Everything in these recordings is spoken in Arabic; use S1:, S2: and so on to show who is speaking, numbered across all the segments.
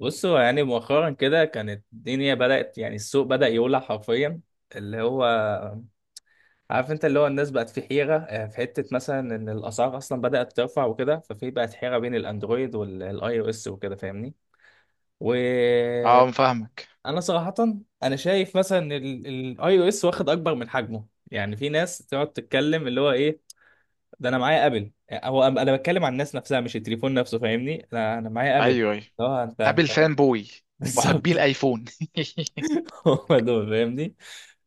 S1: بصوا يعني مؤخرا كده كانت الدنيا بدأت، يعني السوق بدأ يولع حرفيا اللي هو، عارف انت اللي هو الناس بقت في حيرة، في حتة مثلا ان الأسعار أصلا بدأت ترفع وكده، ففي بقت حيرة بين الأندرويد والآي أو إس وكده فاهمني.
S2: اه
S1: وأنا
S2: فاهمك.
S1: صراحة أنا شايف مثلا إن الآي أو إس واخد أكبر من حجمه. يعني في ناس تقعد تتكلم اللي هو إيه، ده أنا معايا أبل، هو أنا بتكلم عن الناس نفسها مش التليفون نفسه، فاهمني؟ أنا معايا أبل.
S2: ايوه،
S1: اه انت
S2: ابل
S1: انت
S2: فان بوي،
S1: بالظبط.
S2: محبي الايفون.
S1: هم دول فاهمني.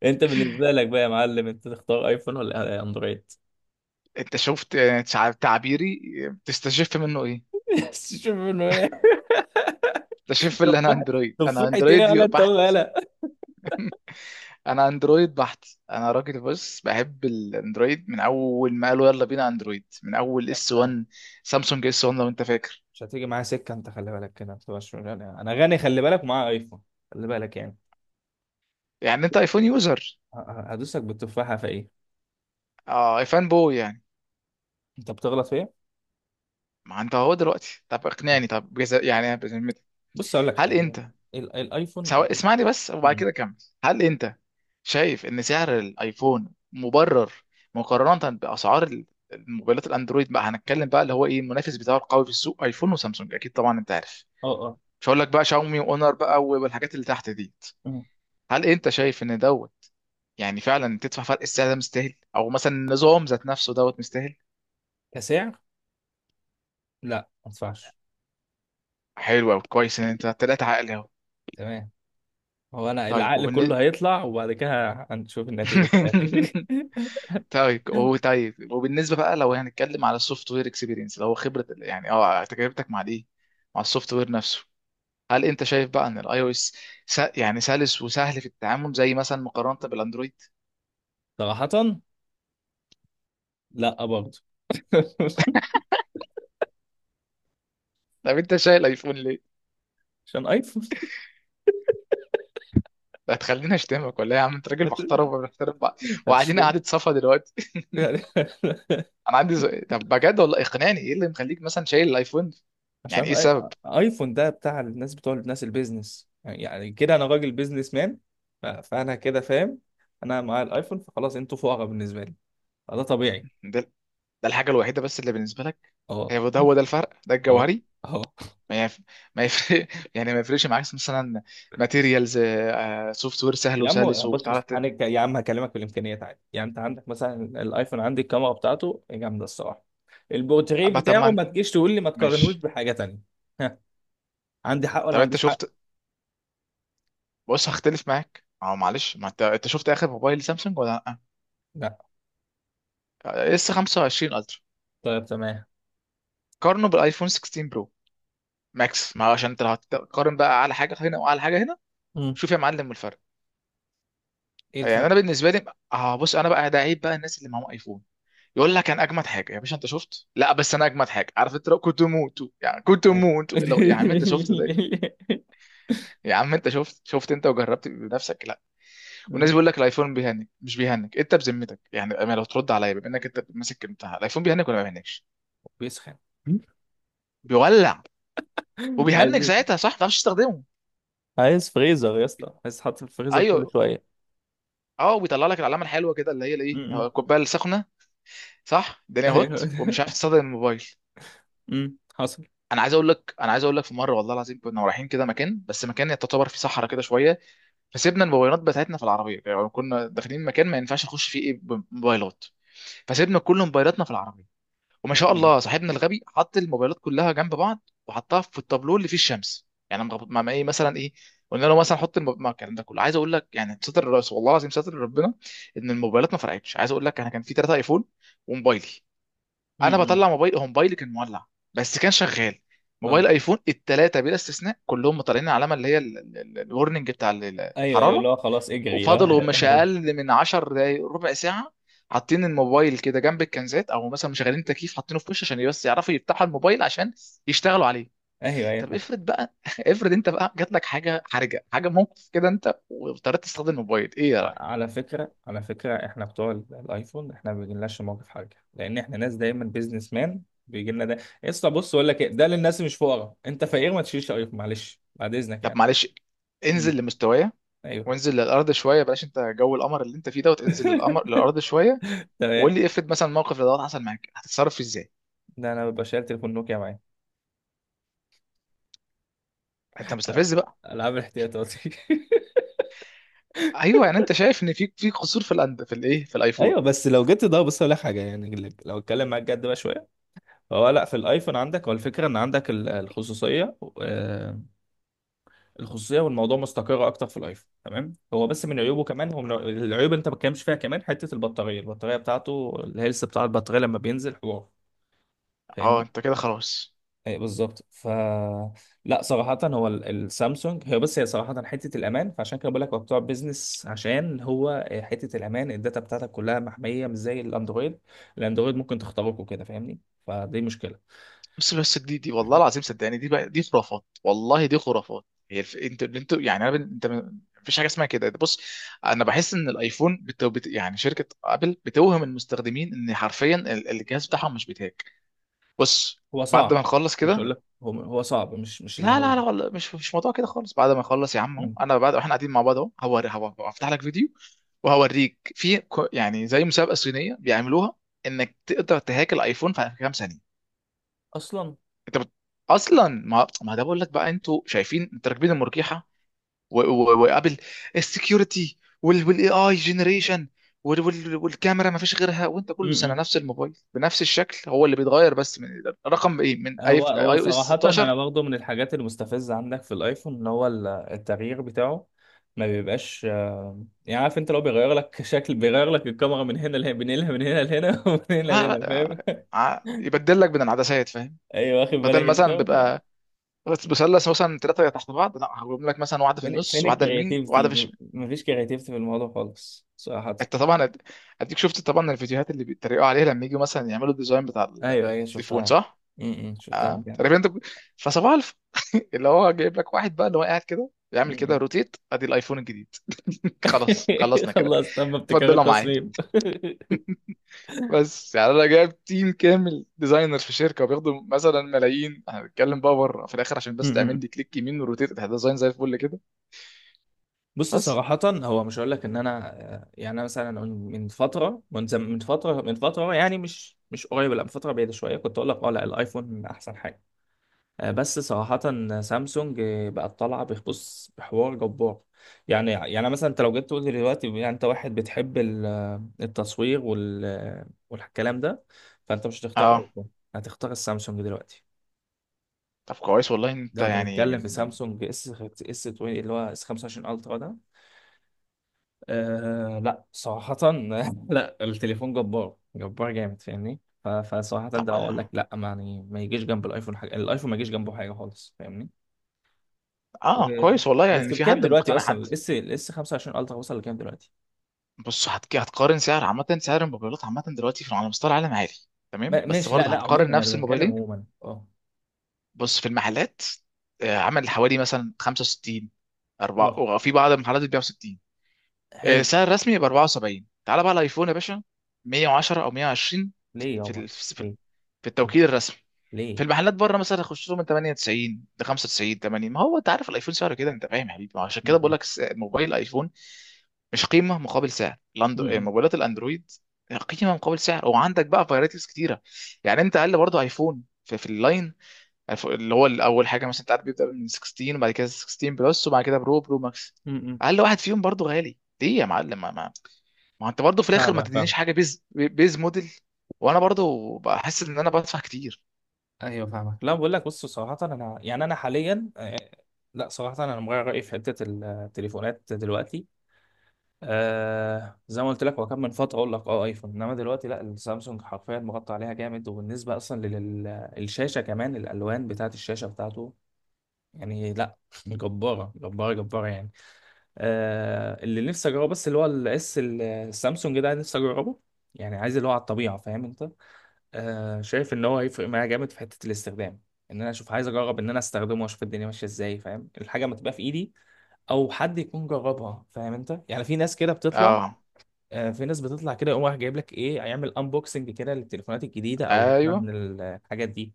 S1: انت بالنسبه لك بقى يا معلم، انت تختار ايفون ولا اندرويد؟
S2: انت شفت تعبيري، تستشف منه ايه؟
S1: شوف انه ايه.
S2: تستشف اللي انا
S1: تفاحة.
S2: اندرويد، انا
S1: تفاحة ايه
S2: اندرويد
S1: ولا انت ولا
S2: بحت
S1: لا؟
S2: انا اندرويد بحت انا راجل، بص، بحب الاندرويد من اول ما قالوا يلا بينا اندرويد، من اول اس 1. سامسونج اس 1 لو انت فاكر.
S1: مش هتيجي معايا سكه انت، خلي بالك كده، ما تبقاش انا. أنا غني خلي بالك، ومعايا ايفون. خلي بالك يعني.
S2: يعني انت ايفون يوزر،
S1: هدوسك بالتفاحه في ايه.
S2: اه ايفون بوي يعني.
S1: انت بتغلط في ايه؟
S2: ما انت اهو دلوقتي، طب اقنعني، يعني بذمتك،
S1: بص اقول لك
S2: هل
S1: حاجه.
S2: انت
S1: ال- الايفون
S2: سواء؟
S1: الايفون
S2: اسمعني بس وبعد
S1: مم.
S2: كده كمل. هل انت شايف ان سعر الايفون مبرر مقارنة الموبايلات الاندرويد؟ بقى هنتكلم بقى اللي هو ايه المنافس بتاعه القوي في السوق؟ ايفون وسامسونج اكيد طبعا، انت عارف،
S1: اه اه.
S2: مش هقول لك بقى شاومي واونر بقى والحاجات اللي تحت دي.
S1: مم.
S2: هل انت شايف ان دوت يعني فعلا تدفع فرق السعر ده مستاهل، او مثلا النظام ذات نفسه دوت مستاهل؟
S1: كسعر، لا ما ادفعش.
S2: حلو قوي، كويس ان انت طلعت عقلي اهو.
S1: تمام. هو انا
S2: طيب
S1: العقل كله
S2: وبالنسبة،
S1: هيطلع، وبعد كده هنشوف النتيجه في الاخر.
S2: طيب وبالنسبه بقى، لو هنتكلم على السوفت وير اكسبيرينس، لو خبره ال- يعني اه تجربتك مع دي، مع السوفت وير نفسه، هل انت شايف بقى ان الاي او اس يعني سلس وسهل في التعامل زي مثلا، مقارنه بالاندرويد؟
S1: صراحه، لا برضه.
S2: طب انت شايل ايفون ليه؟
S1: عشان ايفون.
S2: ده هتخليني اشتمك ولا إيه؟ يا عم انت راجل
S1: هت...
S2: محترم وبنحترم بعض وقاعدين
S1: هتشتمني
S2: قعده صفا دلوقتي.
S1: يعني.
S2: انا عندي سؤال. طب بجد والله اقنعني، ايه اللي مخليك مثلا شايل الايفون؟ يعني ايه
S1: عشان آي...
S2: السبب؟
S1: ايفون ده بتاع الناس، بتوع الناس البيزنس، يعني يعني كده انا راجل بيزنس مان. فانا كده فاهم. انا معايا الايفون، فخلاص انتوا فقراء بالنسبه لي، فده طبيعي.
S2: ده ده الحاجه الوحيده بس اللي بالنسبه لك؟
S1: اه.
S2: هي ده، هو ده الفرق ده
S1: اه.
S2: الجوهري؟
S1: اه.
S2: ما يف... ما يفرق يعني ما يفرقش معاك مثلا ماتيريالز، سوفت وير سهل
S1: يا عم
S2: وسلس
S1: بص
S2: وتعرف
S1: بص انا يا عم هكلمك في الامكانيات عادي. يعني انت عندك مثلا الايفون، عندي الكاميرا بتاعته جامده الصراحه. البورتريه
S2: أبقى؟ طب ما
S1: بتاعه
S2: انت،
S1: ما تجيش تقول لي ما تقارنهوش
S2: ماشي.
S1: بحاجه تانية. ها، عندي حق ولا
S2: طب
S1: ما
S2: انت
S1: عنديش حق؟
S2: شفت، بص هختلف معاك، اه معلش، ما انت، انت شفت اخر موبايل سامسونج ولا لا؟
S1: لا.
S2: اس 25 الترا،
S1: طيب تمام.
S2: قارنه بالايفون 16 برو ماكس. ما هو عشان انت لو هتقارن بقى، اعلى حاجه هنا واعلى حاجه هنا.
S1: مم.
S2: شوف يا معلم الفرق.
S1: ايه
S2: يعني
S1: الفرق؟
S2: انا بالنسبه لي، اه بص، انا بقى ده عيب بقى الناس اللي معاهم ايفون، يقول لك انا اجمد حاجه يا باشا انت شفت؟ لا بس انا اجمد حاجه. عارف انت لو كنت موت، يعني كنت
S1: أيوة.
S2: موت لو يعني انت شفت ده. يا عم انت شفت، شفت انت وجربت بنفسك؟ لا. والناس
S1: مم.
S2: بيقول لك الايفون بيهنج مش بيهنج، انت بذمتك يعني بأمانة لو ترد عليا، بما انك انت ماسك بتاع الايفون، بيهنج ولا ما بيهنجش؟
S1: بيسخن.
S2: بيولع وبيهنج
S1: عايز،
S2: ساعتها، صح؟ ما تعرفش تستخدمه.
S1: عايز فريزر يا اسطى، عايز تحط في الفريزر كل
S2: ايوه،
S1: شويه.
S2: اه بيطلع لك العلامه الحلوه كده اللي هي الايه،
S1: امم
S2: الكوبايه السخنه، صح؟ الدنيا هوت
S1: ايوه.
S2: ومش عارف تستخدم الموبايل.
S1: حصل.
S2: انا عايز اقول لك، في مره والله العظيم كنا رايحين كده مكان، بس مكان تعتبر فيه صحراء كده شويه. فسيبنا الموبايلات بتاعتنا في العربيه، يعني كنا داخلين مكان ما ينفعش نخش فيه ايه بموبايلات. فسيبنا كل موبايلاتنا في العربيه، وما شاء الله صاحبنا الغبي حط الموبايلات كلها جنب بعض وحطها في التابلو اللي فيه الشمس. يعني ايه مثلا ايه، قلنا له مثلا ما الكلام ده كله عايز اقول لك يعني ستر الرئيس، والله العظيم ستر ربنا ان الموبايلات ما فرقتش. عايز اقول لك انا كان في ثلاثه ايفون وموبايلي. انا
S1: امم
S2: بطلع موبايل، هو موبايلي كان مولع بس كان شغال.
S1: اه
S2: موبايل ايفون الثلاثه بلا استثناء كلهم طالعين علامه اللي هي الورنينج
S1: ايوه، ايوه اللي
S2: الحراره.
S1: هو خلاص اجري
S2: وفضلوا
S1: لا
S2: مش
S1: يا رب.
S2: اقل من 10 دقايق ربع ساعه حاطين الموبايل كده جنب الكنزات، او مثلا مشغلين تكييف حاطينه في وش، عشان بس يعرفوا يفتحوا الموبايل عشان يشتغلوا عليه.
S1: ايوه ايوه
S2: طب
S1: فاهم.
S2: افرض بقى افرض انت بقى جات لك حاجه حرجه، حاجه موقف كده انت واضطريت تستخدم الموبايل، ايه يا راجل؟
S1: على فكره، على فكره احنا بتوع الايفون، احنا ما بيجيلناش موقف حرجه، لان احنا ناس دايما بيزنس مان بيجي لنا ده. يا اسطى بص اقول لك ايه، ده للناس مش فقراء. انت فقير ما تشيلش ايفون، معلش بعد اذنك
S2: طب
S1: يعني.
S2: معلش،
S1: امم
S2: انزل لمستوايا
S1: ايوه.
S2: وانزل للارض شويه، بلاش انت جو القمر اللي انت فيه دوت، انزل للقمر، للارض شويه،
S1: تمام.
S2: وقول لي افرض مثلا موقف دوت حصل معاك هتتصرف ازاي؟
S1: ده انا ببقى شايل تليفون نوكيا معايا.
S2: انت
S1: أنا-
S2: مستفز بقى.
S1: العاب الاحتياطاتي.
S2: ايوه يعني انت شايف ان في في قصور في في الايه في الايفون؟
S1: ايوه بس لو جيت، ده بص اقول لك حاجه، يعني لو اتكلم معاك جد بقى شويه، فهو لا، في الايفون عندك هو الفكره ان عندك الخصوصيه. الخصوصيه والموضوع مستقر اكتر في الايفون، تمام. هو بس من عيوبه كمان، هو من العيوب انت ما بتتكلمش فيها كمان، حته البطاريه، بتاعته الهيلث بتاع البطاريه لما بينزل حوار.
S2: اه
S1: فاهمني؟
S2: انت كده خلاص.
S1: اي بالظبط. لا صراحة، هو السامسونج، هي بس هي صراحة حتة الأمان. فعشان كده بقول لك هو بتوع بيزنس، عشان هو حتة الأمان، الداتا بتاعتك كلها محمية مش زي الأندرويد. الأندرويد ممكن تخترقه وكده، فاهمني؟ فدي مشكلة.
S2: بس دي والله العظيم صدقني، دي بقى دي خرافات، والله دي خرافات. انت انت يعني انا مفيش حاجه اسمها كده بص. انا بحس ان الايفون يعني شركه ابل بتوهم المستخدمين ان حرفيا الجهاز بتاعهم مش بيتهاج. بص
S1: هو
S2: بعد
S1: صعب.
S2: ما نخلص
S1: مش هقول
S2: كده،
S1: لك هو صعب، مش اللي
S2: لا
S1: هو.
S2: لا لا والله مش مش موضوع كده خالص. بعد ما نخلص يا عم اهو،
S1: مم.
S2: انا بعد احنا قاعدين مع بعض اهو، هفتح لك فيديو وهوريك في يعني زي مسابقه صينيه بيعملوها، انك تقدر تهاك الايفون في كام ثانيه.
S1: أصلا.
S2: انت بت... اصلا ما ما ده بقول لك بقى، انتوا شايفين انت راكبين المرجحه وقابل السكيورتي والاي اي جنريشن والكاميرا، ما فيش غيرها. وانت كل سنه
S1: مم.
S2: نفس الموبايل بنفس الشكل، هو اللي بيتغير بس من رقم ايه، من اي
S1: هو،
S2: اي او اس
S1: صراحة
S2: 16.
S1: أنا برضه من الحاجات المستفزة عندك في الأيفون، إن هو التغيير بتاعه ما بيبقاش، يعني عارف أنت، لو بيغير لك شكل، بيغير لك الكاميرا من هنا لهنا، بينقلها من هنا لهنا ومن هنا لهنا،
S2: آه،
S1: فاهم؟
S2: آه، يبدل لك من العدسات، فاهم؟
S1: أيوه واخد بالك
S2: بدل
S1: أنت؟
S2: مثلا
S1: ف-
S2: بيبقى مثلث مثلا ثلاثه تحت بعض، لا هجيب لك مثلا واحده في
S1: فين،
S2: النص
S1: فين
S2: واحده يمين واحده
S1: الكرياتيفيتي؟
S2: في.
S1: مفيش كرياتيفيتي في الموضوع خالص صراحة.
S2: انت طبعا اديك شفت طبعا الفيديوهات اللي بيتريقوا عليها لما يجوا مثلا يعملوا الديزاين
S1: أيوه أيوه
S2: التليفون،
S1: شفتها.
S2: صح؟
S1: م- م، شفتها
S2: اه
S1: جامد.
S2: تقريبا فصباح الف اللي هو جايب لك واحد بقى اللي هو قاعد كده
S1: م-
S2: بيعمل كده
S1: م.
S2: روتيت ادي الايفون الجديد. خلاص خلصنا كده.
S1: خلاص، تم ابتكار
S2: اتفضلوا معايا
S1: التصميم.
S2: بس. يعني انا جايب تيم كامل ديزاينر في شركه وبياخدوا مثلا ملايين، احنا بنتكلم بقى بره في الاخر، عشان بس تعمل
S1: م-.
S2: لي كليك يمين وروتيت ده ديزاين زي الفل كده.
S1: بص
S2: بس
S1: صراحة هو مش هقول لك ان انا، يعني انا مثلا من فترة يعني، مش قريب، لا من فترة بعيدة شوية، كنت اقول لك اه لا الايفون احسن حاجة. بس صراحة سامسونج بقت طالعة، بص، بحوار جبار. يعني يعني مثلا انت لو جيت تقول لي دلوقتي، يعني انت واحد بتحب التصوير وال والكلام ده، فانت مش هتختار
S2: اه،
S1: ايفون، هتختار السامسونج دلوقتي.
S2: طب كويس والله إن انت
S1: لو
S2: يعني
S1: بنتكلم في
S2: من،
S1: سامسونج اس 20، اللي هو اس 25 الترا ده، أه لا صراحة. لا التليفون جبار، جبار جامد، فاهمني؟ فصراحة
S2: طب
S1: ده اقول لك لا، ما يعني، ما يجيش جنب الايفون حاجة، الايفون ما يجيش جنبه حاجة خالص، فاهمني؟ و...
S2: اه كويس والله يعني ان
S1: بس
S2: في
S1: بكام
S2: حد
S1: دلوقتي
S2: مقتنع
S1: اصلا
S2: حد.
S1: الاس 25 الترا وصل لكام دلوقتي؟
S2: بص هتقارن سعر عامة، سعر الموبايلات عامة دلوقتي في على مستوى العالم عالي. تمام
S1: ما...
S2: بس
S1: ماشي. لا
S2: برضه
S1: لا،
S2: هتقارن
S1: عموما
S2: نفس
S1: انا بتكلم
S2: الموبايلين.
S1: عموما. اه.
S2: بص في المحلات، آه، عامل حوالي مثلا 65 أربعة،
S1: اه
S2: وفي بعض المحلات بتبيع 60. آه،
S1: حلو.
S2: سعر رسمي ب 74. تعال بقى على الايفون يا باشا، 110 او 120،
S1: ليه
S2: في
S1: يابا؟
S2: ال- في ال-
S1: ليه؟
S2: في
S1: ليه؟
S2: التوكيل الرسمي. في
S1: ليه؟
S2: المحلات بره مثلا يخش لهم من 98 ل 95 80. ما هو انت عارف الايفون سعره كده، انت فاهم يا حبيبي. ما هو عشان
S1: م-.
S2: كده بقول
S1: م-.
S2: لك موبايل ايفون مش قيمه مقابل سعر
S1: م-.
S2: موبايلات الاندرويد. قيمه مقابل سعر، وعندك بقى فرايتيز كتيره. يعني انت اقل برضه ايفون في اللاين، اللي هو اول حاجه مثلا، انت عارف بيبدا من 16، وبعد كده 16 بلس، وبعد كده برو برو ماكس.
S1: م-. م-.
S2: اقل واحد فيهم برضه غالي ليه يا معلم؟ ما انت برضه في الاخر ما
S1: فاهمك،
S2: تدينيش
S1: فاهمك.
S2: حاجه بيز بيز موديل، وانا برضه بحس ان انا بدفع كتير.
S1: ايوه فاهمك. لا بقول لك، بص صراحه انا، يعني انا حاليا، لا صراحه انا مغير رايي في حته التليفونات دلوقتي. آه زي ما قلت لك، هو كان من فتره اقول لك اه ايفون، انما دلوقتي لا، السامسونج حرفيا مغطى عليها جامد. وبالنسبه اصلا للشاشه كمان، الالوان بتاعه الشاشه بتاعته، يعني لا، جباره، جباره، جباره يعني. آه اللي نفسي اجربه بس اللي هو الاس السامسونج ده، نفسي اجربه، يعني عايز اللي هو على الطبيعه، فاهم انت؟ آه شايف ان هو هيفرق معايا جامد في حته الاستخدام. ان انا اشوف، عايز اجرب ان انا استخدمه واشوف الدنيا ماشيه ازاي، فاهم؟ الحاجه ما تبقى في ايدي، او حد يكون جربها، فاهم انت؟ يعني في ناس كده بتطلع.
S2: اه،
S1: آه في ناس بتطلع كده، يقوم رايح جايب لك ايه، هيعمل انبوكسنج كده للتليفونات الجديده، او مثلا
S2: ايوه.
S1: من الحاجات دي.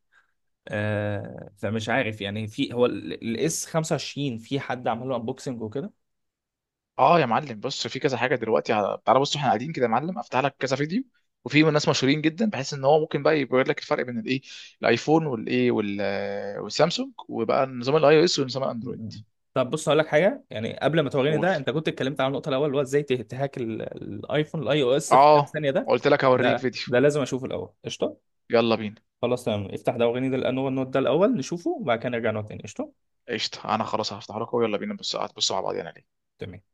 S1: آه فمش عارف يعني، في هو الاس 25، في حد عمل له انبوكسنج وكده.
S2: اه يا معلم بص، في كذا حاجه دلوقتي على... تعالى بص احنا قاعدين كده يا معلم، افتح لك كذا فيديو وفي ناس مشهورين جدا بحيث ان هو ممكن بقى يبين لك الفرق بين الايه الايفون، والايه والسامسونج، وبقى نظام الاي او اس ونظام الاندرويد.
S1: م-م. طب بص هقول لك حاجه، يعني قبل ما توريني
S2: قول.
S1: ده، انت كنت اتكلمت عن النقطه الاول اللي هو ازاي تهاك الايفون الاي او اس في كام
S2: اه
S1: ثانيه ده.
S2: قلت لك هوريك
S1: ده
S2: فيديو.
S1: ده لازم اشوفه الاول، قشطه.
S2: يلا بينا.
S1: خلاص تمام، افتح ده وريني ده، لانه هو النوت ده الاول نشوفه، وبعد كده نرجع نقعد تاني، قشطه.
S2: قشطه، انا خلاص هفتح لك ويلا بينا، بص هتبصوا مع بعض يعني.
S1: تمام.